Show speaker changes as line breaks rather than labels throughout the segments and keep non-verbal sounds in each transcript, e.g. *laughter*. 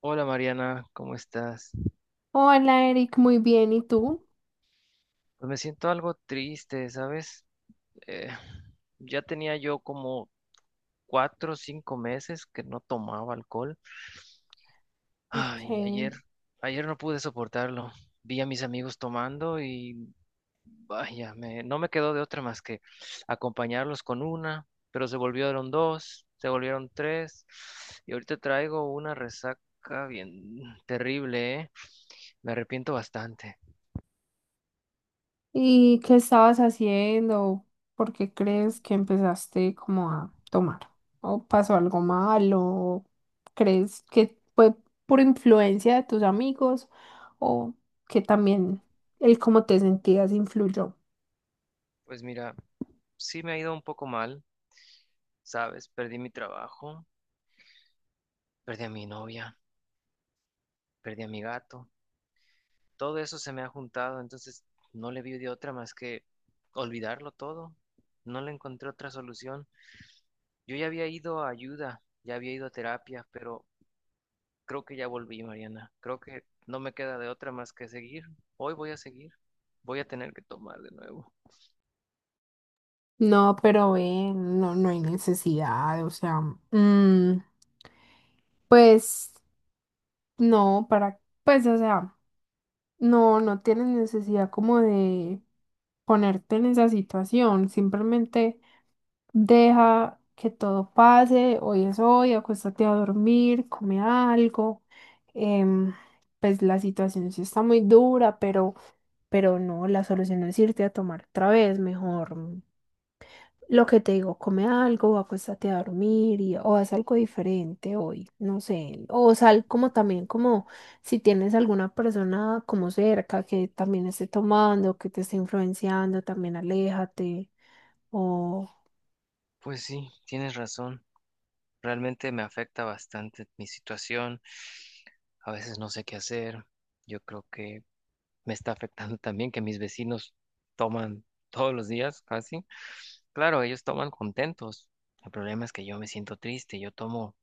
Hola Mariana, ¿cómo estás?
Hola Eric, muy bien, ¿y tú?
Pues me siento algo triste, ¿sabes? Eh, ya tenía yo como 4 o 5 meses que no tomaba alcohol. Ay, y ayer,
Ok.
ayer no pude soportarlo. Vi a mis amigos tomando y vaya, no me quedó de otra más que acompañarlos con una, pero se volvieron dos, se volvieron tres, y ahorita traigo una resaca bien terrible, ¿eh? Me arrepiento bastante.
¿Y qué estabas haciendo? ¿Por qué crees que empezaste como a tomar? ¿O pasó algo malo? ¿Crees que fue por influencia de tus amigos? ¿O que también el cómo te sentías influyó?
Pues mira, sí me ha ido un poco mal, ¿sabes? Perdí mi trabajo, perdí a mi novia, perdí a mi gato. Todo eso se me ha juntado, entonces no le vi de otra más que olvidarlo todo. No le encontré otra solución. Yo ya había ido a ayuda, ya había ido a terapia, pero creo que ya volví, Mariana. Creo que no me queda de otra más que seguir. Hoy voy a seguir, voy a tener que tomar de nuevo.
No, pero no, hay necesidad, o sea, mm, pues no, para, pues o sea. No, no tienes necesidad como de ponerte en esa situación, simplemente deja que todo pase, hoy es hoy, acuéstate a dormir, come algo. em, pues la situación sí está muy dura, pero no, la solución es irte a tomar otra vez, mejor. Lo que te digo, come algo, acuéstate a dormir y, o haz algo diferente hoy, no sé, o sal como también como si tienes alguna persona como cerca que también esté tomando, que te esté influenciando, también aléjate, o,
Pues sí, tienes razón. Realmente me afecta bastante mi situación. A veces no sé qué hacer. Yo creo que me está afectando *laughs* también que mis vecinos toman todos los días casi. Claro, ellos toman contentos. El problema es que yo me siento triste.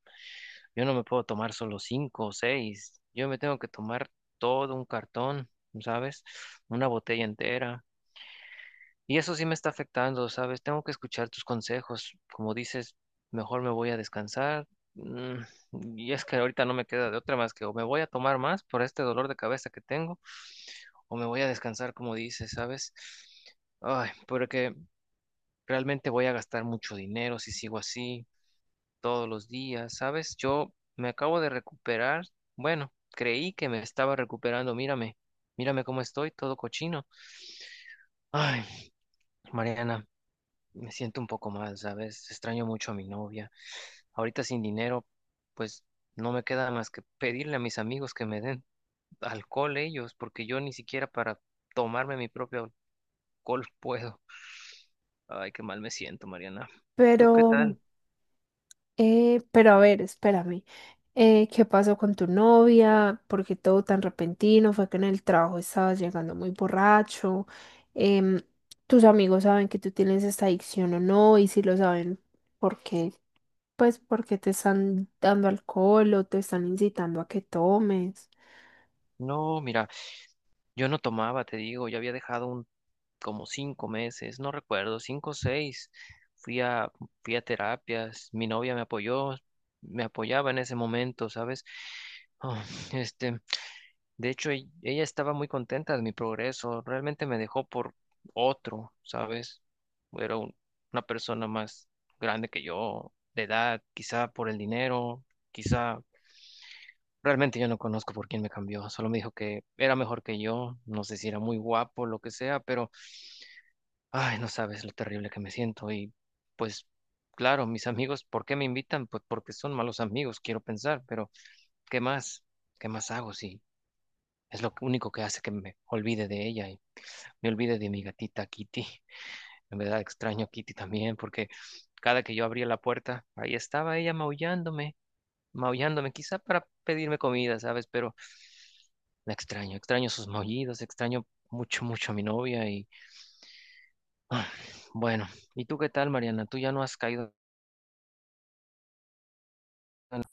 Yo no me puedo tomar solo cinco o seis. Yo me tengo que tomar todo un cartón, ¿sabes? Una botella entera. Y eso sí me está afectando, ¿sabes? Tengo que escuchar tus consejos. Como dices, mejor me voy a descansar. Mm, Y es que ahorita no me queda de otra más que o me voy a tomar más por este dolor de cabeza que tengo, o me voy a descansar, como dices, ¿sabes? Ay, porque realmente voy a gastar mucho dinero si sigo así todos los días, ¿sabes? Yo me acabo de recuperar. Bueno, creí que me estaba recuperando. Mírame cómo estoy, todo cochino. Ay, Mariana, me siento un poco mal, ¿sabes? Extraño mucho a mi novia. Ahorita sin dinero, pues no me queda más que pedirle a mis amigos que me den alcohol ellos, porque yo ni siquiera para tomarme mi propio alcohol *laughs* puedo. Ay, qué mal me siento, Mariana. ¿Tú qué
pero,
tal?
pero a ver, espérame. ¿Qué pasó con tu novia? ¿Por qué todo tan repentino? ¿Fue que en el trabajo estabas llegando muy borracho? Em, ¿Tus amigos saben que tú tienes esta adicción o no? Y si lo saben, ¿por qué? Pues porque te están dando alcohol o te están incitando a que tomes.
No, mira, yo no tomaba, te digo, ya había dejado un como 5 meses, no recuerdo, cinco o seis. Fui a, fui a terapias, mi novia me apoyó, me apoyaba en ese momento, ¿sabes? Ah, este, de hecho, ella estaba muy contenta de mi progreso. Realmente me dejó por otro, ¿sabes? Era una persona más grande que yo, de edad, quizá por el dinero, quizá... Realmente yo no conozco por quién me cambió. Solo me dijo que era mejor que yo. No sé si era muy guapo, lo que sea, pero... Ay, no sabes lo terrible que me siento. Y pues, claro, mis amigos, ¿por qué me invitan? Pues porque son malos amigos, quiero pensar, pero ¿qué más? ¿Qué más hago si... Es lo único que hace que me olvide de ella. Me olvidé de mi gatita Kitty. En verdad extraño a Kitty también porque cada que yo abría la puerta, ahí estaba ella maullándome, maullándome, quizá para pedirme comida, ¿sabes? Pero la extraño, extraño sus maullidos, extraño mucho, mucho a mi novia y ah, bueno, ¿y tú qué tal, Mariana? ¿Tú ya no has caído en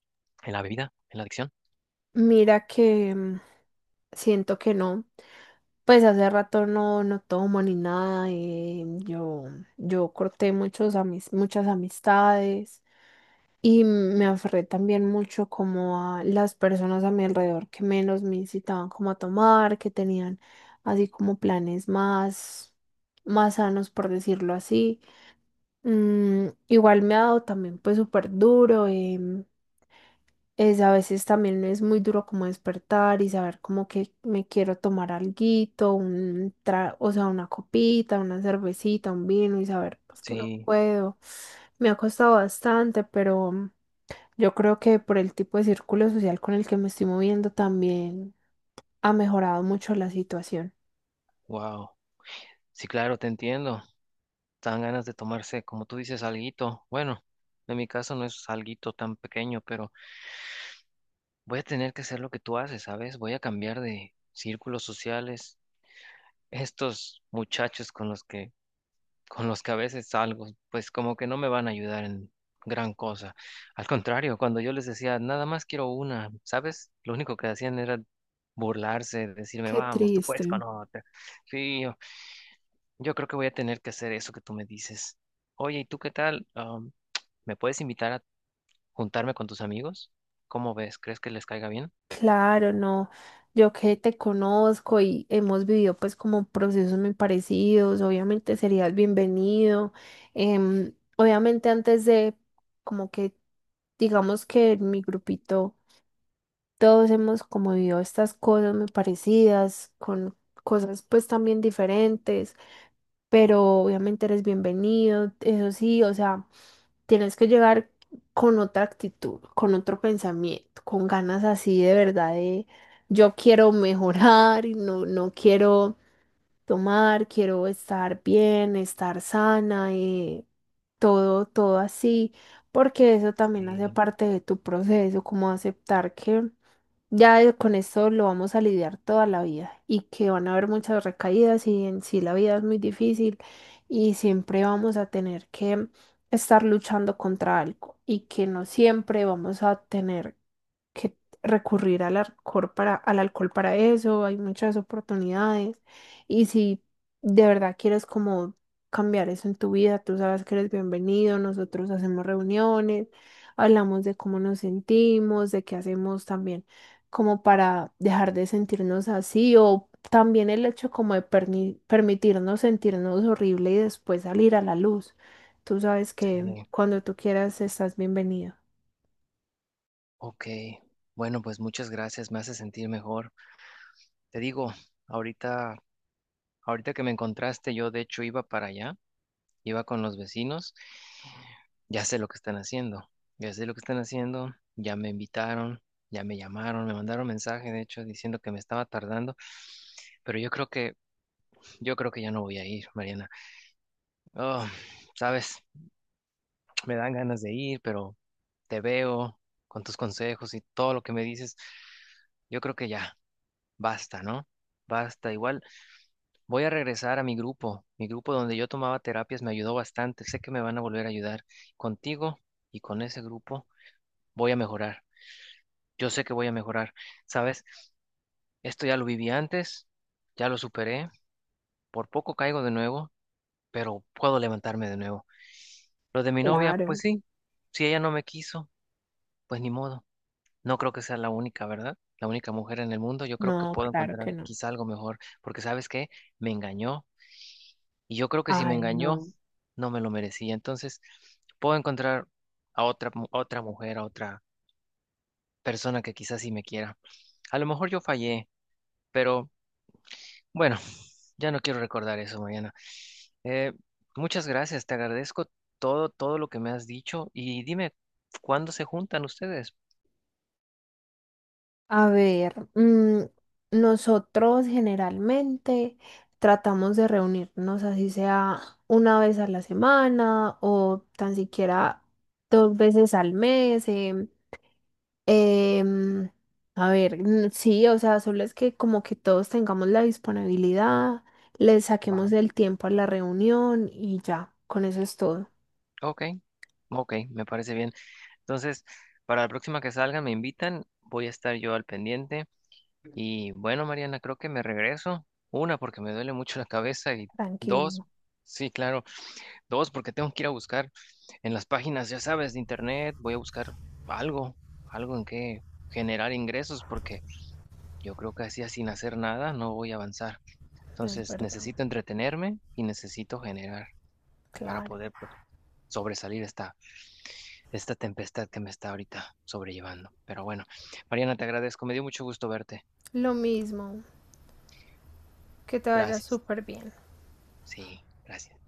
la bebida, en la adicción?
Mira que siento que no. Pues hace rato no, no tomo ni nada. Yo corté muchas amistades y me aferré también mucho como a las personas a mi alrededor que menos me incitaban como a tomar, que tenían así como planes más, más sanos, por decirlo así. Igual me ha dado también pues súper duro. Es a veces también es muy duro como despertar y saber como que me quiero tomar alguito, o sea, una copita, una cervecita, un vino y saber pues que no
Sí,
puedo. Me ha costado bastante, pero yo creo que por el tipo de círculo social con el que me estoy moviendo también ha mejorado mucho la situación.
wow. Sí, claro, te entiendo. Dan ganas de tomarse, como tú dices, alguito. Bueno, en mi caso no es alguito tan pequeño, pero voy a tener que hacer lo que tú haces, ¿sabes? Voy a cambiar de círculos sociales. Estos muchachos con los que a veces salgo, pues como que no me van a ayudar en gran cosa. Al contrario, cuando yo les decía, nada más quiero una, ¿sabes? Lo único que hacían era burlarse, decirme,
Qué
vamos, tú
triste.
puedes con otra. Sí, yo creo que voy a tener que hacer eso que tú me dices. Oye, ¿y tú qué tal? ¿Me puedes invitar a juntarme con tus amigos? ¿Cómo ves? ¿Crees que les caiga bien?
Claro, no. Yo que te conozco y hemos vivido pues como procesos muy parecidos, obviamente serías bienvenido. Obviamente antes de como que digamos que en mi grupito todos hemos como vivido estas cosas muy parecidas, con cosas pues también diferentes, pero obviamente eres bienvenido, eso sí, o sea. Tienes que llegar con otra actitud, con otro pensamiento, con ganas así de verdad de yo quiero mejorar y no, no quiero tomar, quiero estar bien, estar sana y todo, todo así, porque eso también hace
Sí,
parte de tu proceso, como aceptar que ya con esto lo vamos a lidiar toda la vida y que van a haber muchas recaídas y en sí la vida es muy difícil y siempre vamos a tener que estar luchando contra algo y que no siempre vamos a tener que recurrir al alcohol para eso, hay muchas oportunidades. Y si de verdad quieres como cambiar eso en tu vida, tú sabes que eres bienvenido, nosotros hacemos reuniones, hablamos de cómo nos sentimos, de qué hacemos también como para dejar de sentirnos así o también el hecho como de permitirnos sentirnos horrible y después salir a la luz. Tú sabes que
sí.
cuando tú quieras estás bienvenido.
Ok, bueno, pues muchas gracias, me hace sentir mejor. Te digo, ahorita, ahorita que me encontraste, yo de hecho iba para allá, iba con los vecinos, ya sé lo que están haciendo, ya sé lo que están haciendo, ya me invitaron, ya me llamaron, me mandaron mensaje, de hecho, diciendo que me estaba tardando, pero yo creo que ya no voy a ir, Mariana. Oh, sabes, me dan ganas de ir, pero te veo con tus consejos y todo lo que me dices, yo creo que ya, basta, ¿no? Basta, igual. Voy a regresar a mi grupo donde yo tomaba terapias me ayudó bastante, sé que me van a volver a ayudar contigo y con ese grupo voy a mejorar, yo sé que voy a mejorar, ¿sabes? Esto ya lo viví antes, ya lo superé, por poco caigo de nuevo, pero puedo levantarme de nuevo. Lo de mi novia,
Claro,
pues sí, si ella no me quiso, pues ni modo, no creo que sea la única, ¿verdad? La única mujer en el mundo, yo creo que
no,
puedo
claro
encontrar
que no.
quizá algo mejor, porque ¿sabes qué? Me engañó y yo creo que si me
Ay,
engañó...
no.
no me lo merecía. Entonces, puedo encontrar a otra, otra mujer, a otra persona que quizás sí me quiera. A lo mejor yo fallé, pero bueno, *laughs* ya no quiero recordar eso, Mariana. Eh, muchas gracias, te agradezco todo, todo lo que me has dicho y dime, ¿cuándo se juntan ustedes?
A ver, nosotros generalmente tratamos de reunirnos, así sea una vez a la semana o tan siquiera dos veces al mes. Em, a ver, sí, o sea, solo es que como que todos tengamos la disponibilidad, le saquemos
Va.
el tiempo a la reunión y ya, con eso es todo.
Ok, ok, me parece bien. Entonces, para la próxima que salga, me invitan, voy a estar yo al pendiente. Y bueno, Mariana, creo que me regreso. Una, porque me duele mucho la cabeza y dos,
Tranquilo,
sí, claro, dos, porque tengo que ir a buscar en las páginas, ya sabes, de internet, voy a buscar algo, algo en que generar ingresos, porque yo creo que así, sin hacer nada, no voy a avanzar.
es
Entonces,
verdad,
necesito entretenerme y necesito generar para
claro.
poder, pues, sobresalir esta tempestad que me está ahorita sobrellevando. Pero bueno, Mariana, te agradezco, me dio mucho gusto verte.
Lo mismo, que te vaya
Gracias.
súper bien.
Sí, gracias.